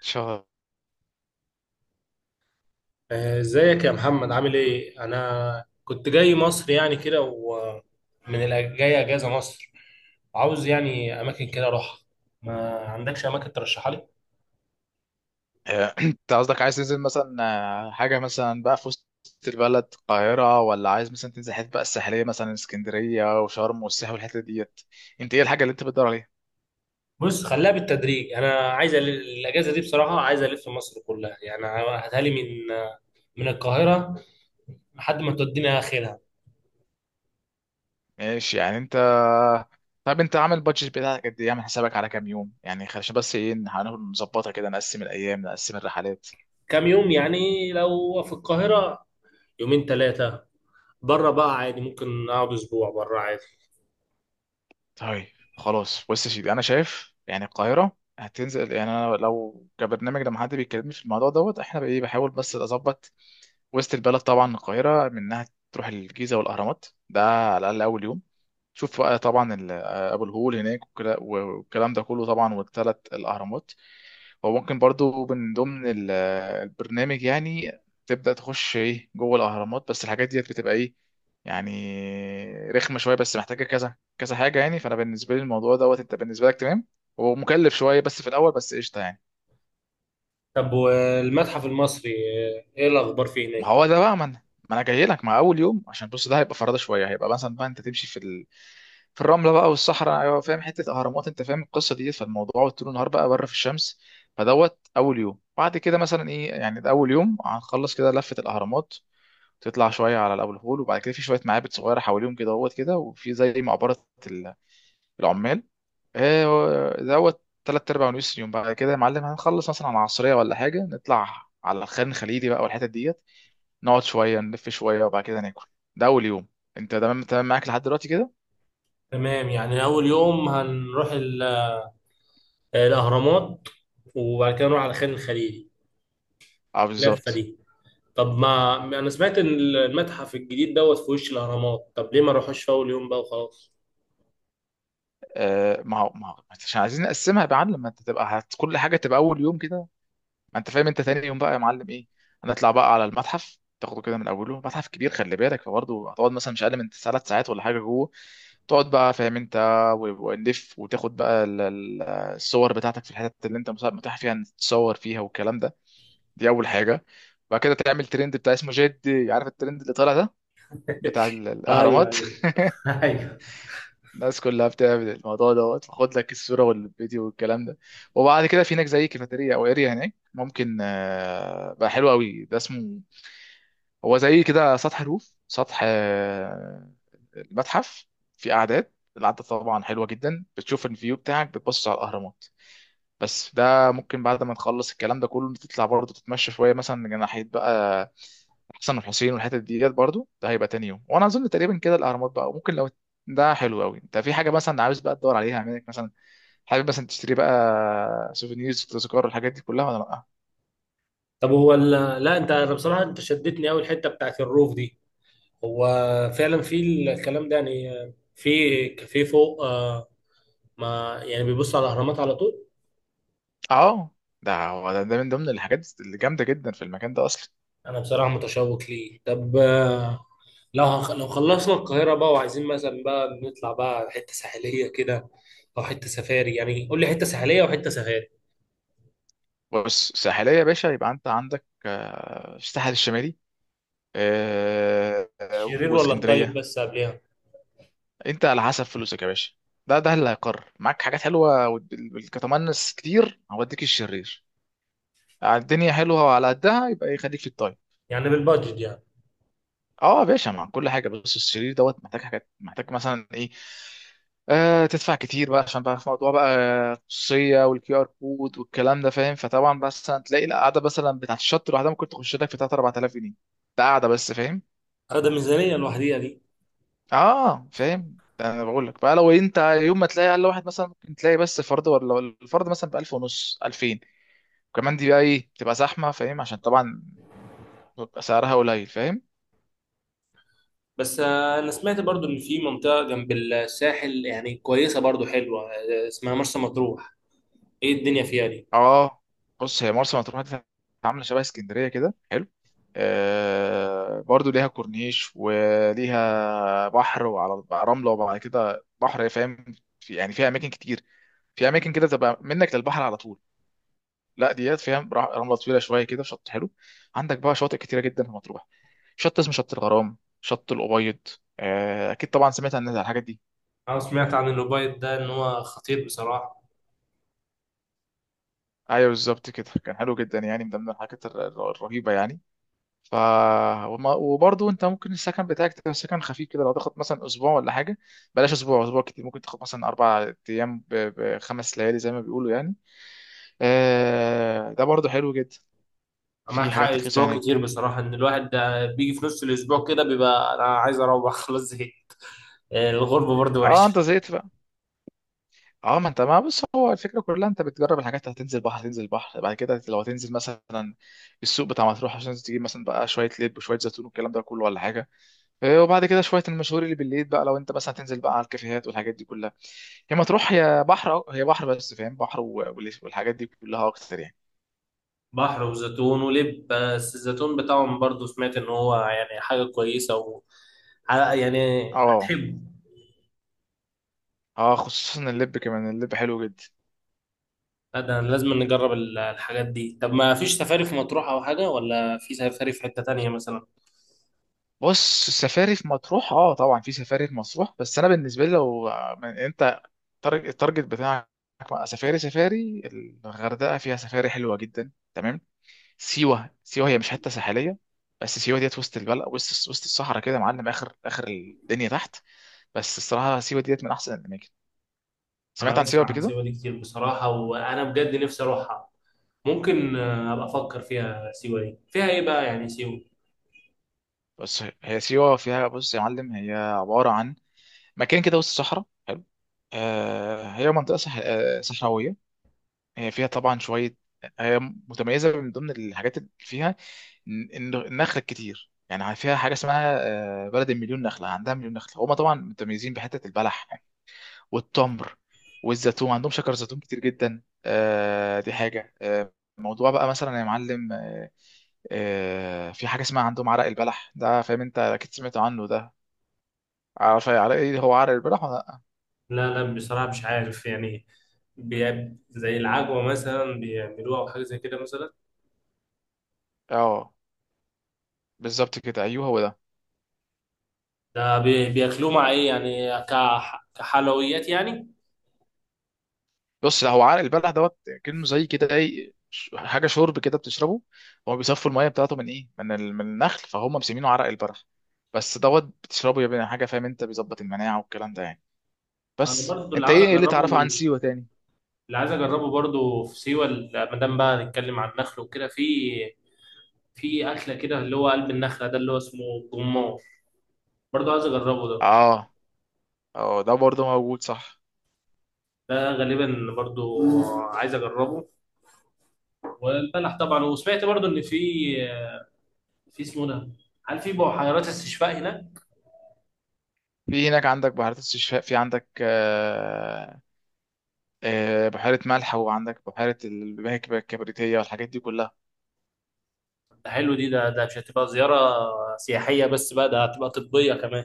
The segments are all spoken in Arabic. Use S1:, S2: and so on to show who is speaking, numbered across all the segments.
S1: شهر.
S2: ازيك يا محمد؟ عامل ايه؟ انا كنت جاي مصر يعني كده، جاي اجازه مصر. عاوز يعني اماكن كده اروحها. ما عندكش اماكن ترشحها لي؟
S1: انت قصدك عايز تنزل مثلا حاجه مثلا بقى في وسط البلد، القاهره، ولا عايز مثلا تنزل حته بقى الساحليه، مثلا اسكندريه وشرم والساحل والحته ديت؟ انت ايه الحاجه اللي انت بتدور عليها؟
S2: بص، خليها بالتدريج. انا عايز الاجازه دي بصراحه، عايز الف مصر كلها يعني، هاتها لي من من القاهره لحد ما تودينا اخرها.
S1: ماشي، يعني انت، طب انت عامل بادجت بتاعك قد ايه؟ عامل حسابك على كام يوم يعني؟ عشان بس ايه، إن هنقول نظبطها كده، نقسم الايام نقسم الرحلات.
S2: كام يوم يعني لو في القاهره؟ يومين ثلاثه. بره بقى عادي، ممكن اقعد اسبوع بره عادي.
S1: طيب، خلاص بص يا سيدي، انا شايف يعني القاهره هتنزل، يعني انا لو كبرنامج لما حد بيكلمني في الموضوع دوت، احنا بقى ايه، بحاول بس اظبط. وسط البلد طبعا، القاهرة منها تروح الجيزة والأهرامات ده على الأقل أول يوم. تشوف بقى طبعا أبو الهول هناك والكلام ده كله طبعا، والثلاث الأهرامات. وممكن برضو من ضمن البرنامج يعني تبدأ تخش إيه جوه الأهرامات، بس الحاجات ديت بتبقى إيه يعني رخمة شوية، بس محتاجة كذا كذا حاجة. يعني فأنا بالنسبة لي الموضوع دوت، أنت بالنسبة لك تمام. هو مكلف شوية بس في الأول، بس قشطة يعني.
S2: طب والمتحف المصري، ايه الاخبار فيه
S1: ما
S2: هناك؟
S1: هو ده بقى، ما انا جاي لك مع اول يوم، عشان بص، ده هيبقى فرادة شويه، هيبقى مثلا بقى انت تمشي في ال... في الرمله بقى والصحراء، ايوه فاهم، حته اهرامات، انت فاهم القصه دي، فالموضوع طول النهار بقى بره في الشمس. فدوت اول يوم، بعد كده مثلا ايه، يعني ده اول يوم هنخلص كده لفه الاهرامات، تطلع شويه على الابو الهول، وبعد كده في شويه معابد صغيره حواليهم كده دوت كده، وفي زي مقبره ال- العمال. دوت تلات أرباع ونص يوم. بعد كده يا معلم هنخلص مثلا على العصرية ولا حاجة، نطلع على الخان الخليلي بقى والحتت ديت، نقعد شويه نلف شويه وبعد كده ناكل. ده اول يوم. انت تمام تمام معاك لحد دلوقتي كده؟
S2: تمام، يعني أول يوم هنروح الأهرامات وبعد كده نروح على خان الخليلي،
S1: اه
S2: اللفة
S1: بالظبط.
S2: دي. طب ما أنا سمعت إن المتحف الجديد دوت في وش الأهرامات، طب ليه ما نروحوش في أول يوم بقى وخلاص؟
S1: آه ما هو، ما هو عشان عايزين نقسمها يا معلم، لما انت تبقى هت... كل حاجه تبقى اول يوم كده ما انت فاهم. انت تاني يوم بقى يا معلم ايه، هنطلع بقى على المتحف، تاخده كده من اوله، متحف كبير خلي بالك، فبرضه هتقعد مثلا مش اقل من ثلاث ساعات ولا حاجه جوه. تقعد بقى فاهم انت، و- ونلف وتاخد بقى الصور بتاعتك في الحتت اللي انت مثلا متاح فيها تتصور فيها والكلام ده. دي اول حاجه. بعد كده تعمل ترند بتاع اسمه، جد عارف الترند اللي طالع ده بتاع
S2: ايوه
S1: الأهرامات؟
S2: ايوه، ايوه.
S1: الناس كلها بتعمل الموضوع دوت، خد لك الصورة والفيديو والكلام ده. وبعد كده في هناك زي كافيتيريا أو اريا هناك، ممكن بقى حلو قوي، ده اسمه هو زي كده سطح، الروف سطح المتحف. في قعدات، القعدة طبعا حلوة جدا، بتشوف الفيو بتاعك، بتبص على الأهرامات. بس ده ممكن بعد ما نخلص الكلام ده كله، تطلع برضه تتمشى شويه مثلا جناحيه بقى، حسن الحسين والحتت ديت برضه. ده هيبقى تاني يوم، وانا اظن تقريبا كده الاهرامات بقى. وممكن لو، ده حلو قوي، انت في حاجه مثلا عاوز بقى تدور عليها منك مثلا، حابب مثلا تشتري بقى سوفينيرز، تذكار، الحاجات دي كلها ولا لا؟
S2: طب هو ال... لا أنت، أنا بصراحة أنت شدتني أوي الحتة بتاعت الروف دي. هو فعلا في الكلام ده يعني، في كافيه فوق ما يعني بيبص على الأهرامات على طول؟
S1: اه، ده هو ده, ده من ضمن الحاجات اللي جامده جدا في المكان ده اصلا.
S2: أنا بصراحة متشوق ليه. طب لو خلصنا القاهرة بقى وعايزين مثلا بقى نطلع بقى حتة ساحلية كده، أو حتة سفاري، يعني قول لي حتة ساحلية وحتة سفاري.
S1: بص ساحليه يا باشا، يبقى انت عندك الساحل الشمالي
S2: الشرير ولا الطيب؟
S1: واسكندريه.
S2: بس قبلها
S1: انت على حسب فلوسك يا باشا، ده ده اللي هيقرر معاك. حاجات حلوه والكتمنس كتير هوديك الشرير على الدنيا حلوه، وعلى قدها يبقى يخليك في الطيب.
S2: يعني بالبادجت يعني؟
S1: اه يا باشا، مع كل حاجه. بس الشرير دوت محتاج حاجات، محتاج مثلا ايه، آه تدفع كتير بقى، عشان بقى في موضوع بقى الخصوصيه والكيو ار كود والكلام ده فاهم. فطبعا بس هتلاقي القعده مثلا بتاعت الشط لوحدها ممكن تخش لك في 3 4000 جنيه، ده قاعده بس فاهم.
S2: هذا ميزانية لوحديها دي.
S1: اه فاهم، انا بقول لك بقى لو انت يوم ما تلاقي اقل، واحد مثلا ممكن تلاقي بس فرد، ولا الفرد مثلا ب 1000 ونص 2000، وكمان دي بقى ايه بتبقى زحمه فاهم، عشان طبعا بيبقى سعرها قليل فاهم.
S2: بس أنا سمعت برضو إن في منطقة جنب الساحل يعني كويسة برضو حلوة اسمها مرسى مطروح. إيه الدنيا فيها دي؟
S1: اه. بص هي مرسى مطروح دي عامله شبه اسكندريه كده، حلو، آه برضو ليها كورنيش وليها بحر، وعلى رمله وبعد كده بحر فاهم. في يعني فيها اماكن كتير، في اماكن كده تبقى منك للبحر على طول، لا ديات فيها رمله طويله شويه كده، شط حلو. عندك بقى شواطئ كتيره جدا في مطروح، شط اسمه شط الغرام، شط الأبيض. اكيد طبعا سمعت عن الحاجات دي.
S2: أنا سمعت عن الأوبايد ده، إن هو خطير بصراحة.
S1: ايوه بالظبط كده، كان حلو جدا، يعني من ضمن الحاجات الرهيبه يعني. ف وبرضه انت ممكن السكن بتاعك تبقى سكن خفيف كده، لو تاخد مثلا اسبوع ولا حاجه، بلاش اسبوع، اسبوع كتير، ممكن تاخد مثلا اربع ايام بخمس ليالي زي ما بيقولوا يعني. ده برضه حلو جدا، في
S2: معاك حق،
S1: حاجات رخيصه
S2: أسبوع
S1: هناك.
S2: كتير بصراحة. إن الواحد بيجي في نص الأسبوع كده بيبقى أنا عايز أروح، خلاص زهقت. الغربة برضو
S1: اه انت
S2: وحشة.
S1: زهقت، اه ما انت، ما بص هو الفكره كلها، انت بتجرب الحاجات، هتنزل بحر هتنزل بحر، بعد كده لو هتنزل مثلا السوق بتاع مطروح، عشان تجيب مثلا بقى شويه لب وشويه زيتون والكلام ده كله ولا حاجه. إيه، وبعد كده شويه المشهور اللي بالليل بقى، لو انت مثلا هتنزل بقى على الكافيهات والحاجات دي كلها. هي مطروح هي بحر، أه، هي بحر بس فاهم، بحر والحاجات دي كلها اكتر يعني.
S2: بحر وزيتون ولب، بس الزيتون بتاعهم برضو سمعت ان هو يعني حاجة كويسة و يعني
S1: اه
S2: هتحبه.
S1: اه، خصوصا اللب، كمان اللب حلو جدا.
S2: لا، ده لازم نجرب الحاجات دي. طب ما فيش سفاري في مطروح او حاجة؟ ولا في سفاري في حتة تانية مثلا؟
S1: بص السفاري في مطروح اه طبعا في سفاري في مطروح، بس انا بالنسبه لي لو انت التارجت بتاعك بقى سفاري سفاري، الغردقه فيها سفاري حلوه جدا تمام. سيوه، سيوه هي مش حته ساحليه، بس سيوه ديت وسط البلد، وسط الصحراء كده يا معلم، اخر الدنيا تحت. بس الصراحه سيوه ديت من احسن الاماكن. سمعت
S2: انا
S1: عن سيوه
S2: بسمع
S1: قبل
S2: عن
S1: كده؟
S2: سيوة دي كتير بصراحة، وانا بجد نفسي اروحها. ممكن ابقى افكر فيها. سيوة دي فيها ايه بقى يعني سيوة؟
S1: بس هي سيوه فيها، بص يا معلم هي عباره عن مكان كده وسط الصحراء حلو، آه هي منطقه صح... آه صحراويه. هي فيها طبعا شوية، هي متميزة من ضمن الحاجات اللي فيها إن النخل كتير، يعني فيها حاجة اسمها بلد المليون نخلة، عندها مليون نخلة. هما طبعا متميزين بحتة البلح والتمر والزيتون، عندهم شجر زيتون كتير جدا. دي حاجة، موضوع بقى مثلا يا معلم، في حاجة اسمها عندهم عرق البلح ده فاهم، انت اكيد سمعت عنه ده. عارف عرق ايه هو، عرق البلح، ولا لأ؟
S2: لا لا، بصراحة مش عارف يعني. بي- زي العجوة مثلا بيعملوها او حاجة زي كده مثلا؟
S1: اه بالظبط كده، ايوه هو ده.
S2: ده بي- بياكلوه مع ايه يعني، كح- كحلويات يعني؟
S1: بص هو عرق البلح دوت كأنه زي كده ايه، حاجه شرب كده بتشربه. هو بيصفوا الميه بتاعته من ايه، من من النخل، فهم مسمينه عرق البلح. بس دوت بتشربه يبقى حاجه فاهم انت، بيظبط المناعه والكلام ده يعني.
S2: انا
S1: بس
S2: برضو اللي
S1: انت
S2: عاوز
S1: ايه، إيه اللي
S2: اجربه
S1: تعرفه عن
S2: من،
S1: سيوه تاني؟
S2: اللي عايز اجربه برضو في سيوة ما دام بقى نتكلم عن النخل وكده، في في اكله كده اللي هو قلب النخله، ده اللي هو اسمه الجمار، برضو عايز اجربه ده.
S1: اه اه، ده برضه موجود صح.
S2: ده غالبا برضو عايز اجربه. والبلح طبعا. وسمعت برضو ان في، في اسمه ده، هل في بحيرات استشفاء هناك؟
S1: في هناك عندك بحيرات استشفاء، في عندك آه آه بحيره ملح، وعندك بحيره المهكبه الكبريتيه والحاجات دي كلها.
S2: ده حلو، دي ده ده مش هتبقى زياره سياحيه بس بقى، ده هتبقى طبيه كمان.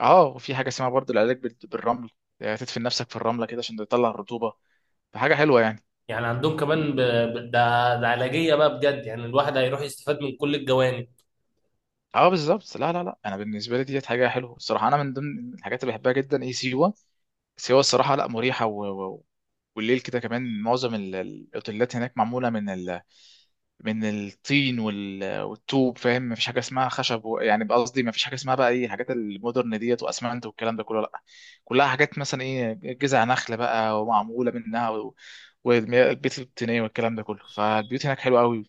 S1: اه، وفي حاجه اسمها برضه العلاج بالرمل، تدفن نفسك في الرمله كده عشان تطلع الرطوبه، فحاجه حلوه يعني.
S2: يعني عندهم كمان ب... ب... ده ده علاجية بقى بجد، يعني الواحد هيروح يستفاد من كل الجوانب.
S1: اه بالظبط، لا لا لا، انا بالنسبه لي ديت حاجه حلوه الصراحه، انا من ضمن الحاجات اللي بحبها جدا ايه سيوه. سيوه الصراحه لا مريحه و... و... والليل كده كمان، معظم الاوتيلات هناك معموله من ال... من الطين والطوب فاهم، مفيش حاجه اسمها خشب و... يعني قصدي مفيش حاجه اسمها بقى ايه الحاجات المودرن ديت، واسمنت والكلام ده كله، لا، كلها حاجات مثلا ايه، جذع نخل بقى ومعموله منها و... والبيت الطينيه والكلام ده كله، فالبيوت هناك حلوه قوي.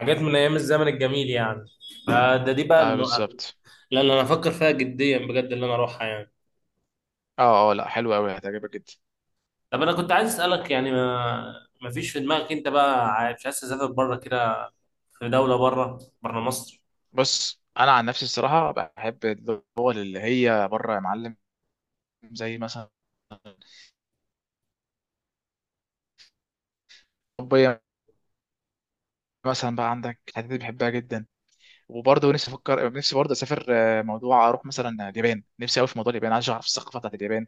S2: حاجات من أيام الزمن الجميل يعني، فده دي بقى الم...
S1: اه بالظبط.
S2: لا لا، أنا أفكر فيها جديا بجد، اللي أنا أروحها يعني.
S1: اه اه لا، حلوة قوي هتعجبك جدا.
S2: طب أنا كنت عايز أسألك يعني، ما... ما فيش في دماغك أنت بقى عايز- مش عايز تسافر بره كده؟ في دولة بره بره مصر؟
S1: بص انا عن نفسي الصراحه بحب الدول اللي هي بره يا معلم، زي مثلا اوروبيه، مثلا بقى عندك الحتت دي بحبها جدا. وبرضه نفسي افكر، نفسي برضه اسافر، موضوع اروح مثلا اليابان، نفسي قوي في موضوع اليابان، عايز اعرف الثقافه بتاعت اليابان،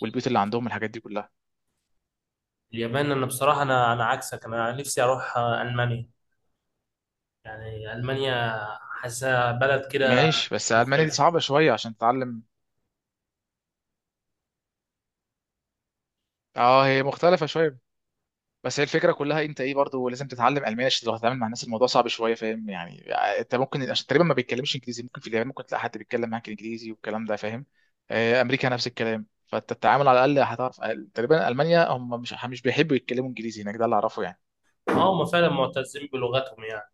S1: والبيوت اللي عندهم الحاجات دي كلها.
S2: اليابان؟ أنا بصراحة، أنا عكسك، أنا نفسي أروح ألمانيا. يعني ألمانيا، حاسة بلد كده
S1: ماشي، بس المانيا دي
S2: مختلفة.
S1: صعبه شويه عشان تتعلم. اه هي مختلفه شويه، بس هي الفكره كلها انت ايه، برضو لازم تتعلم الماني عشان لو هتتعامل مع الناس، الموضوع صعب شويه فاهم يعني. انت ممكن، عشان تقريبا ما بيتكلمش انجليزي، ممكن في اليابان ممكن تلاقي حد بيتكلم معاك انجليزي والكلام ده فاهم. امريكا نفس الكلام، فانت التعامل على الاقل هتعرف. تقريبا المانيا هم مش بيحبوا يتكلموا انجليزي هناك، ده اللي اعرفه يعني.
S2: اه هم فعلا معتزين بلغتهم يعني.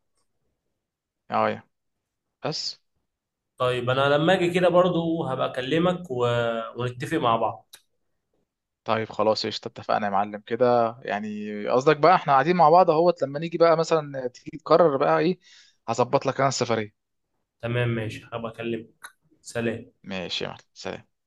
S1: اه يا. بس
S2: طيب انا لما اجي كده برضو هبقى اكلمك و... ونتفق مع بعض.
S1: طيب خلاص، قشطة اتفقنا يا معلم كده، يعني قصدك بقى احنا قاعدين مع بعض اهوت، لما نيجي بقى مثلا تيجي تقرر بقى ايه، هظبط لك انا السفرية.
S2: تمام، ماشي، هبقى اكلمك. سلام.
S1: ماشي يا معلم، سلام.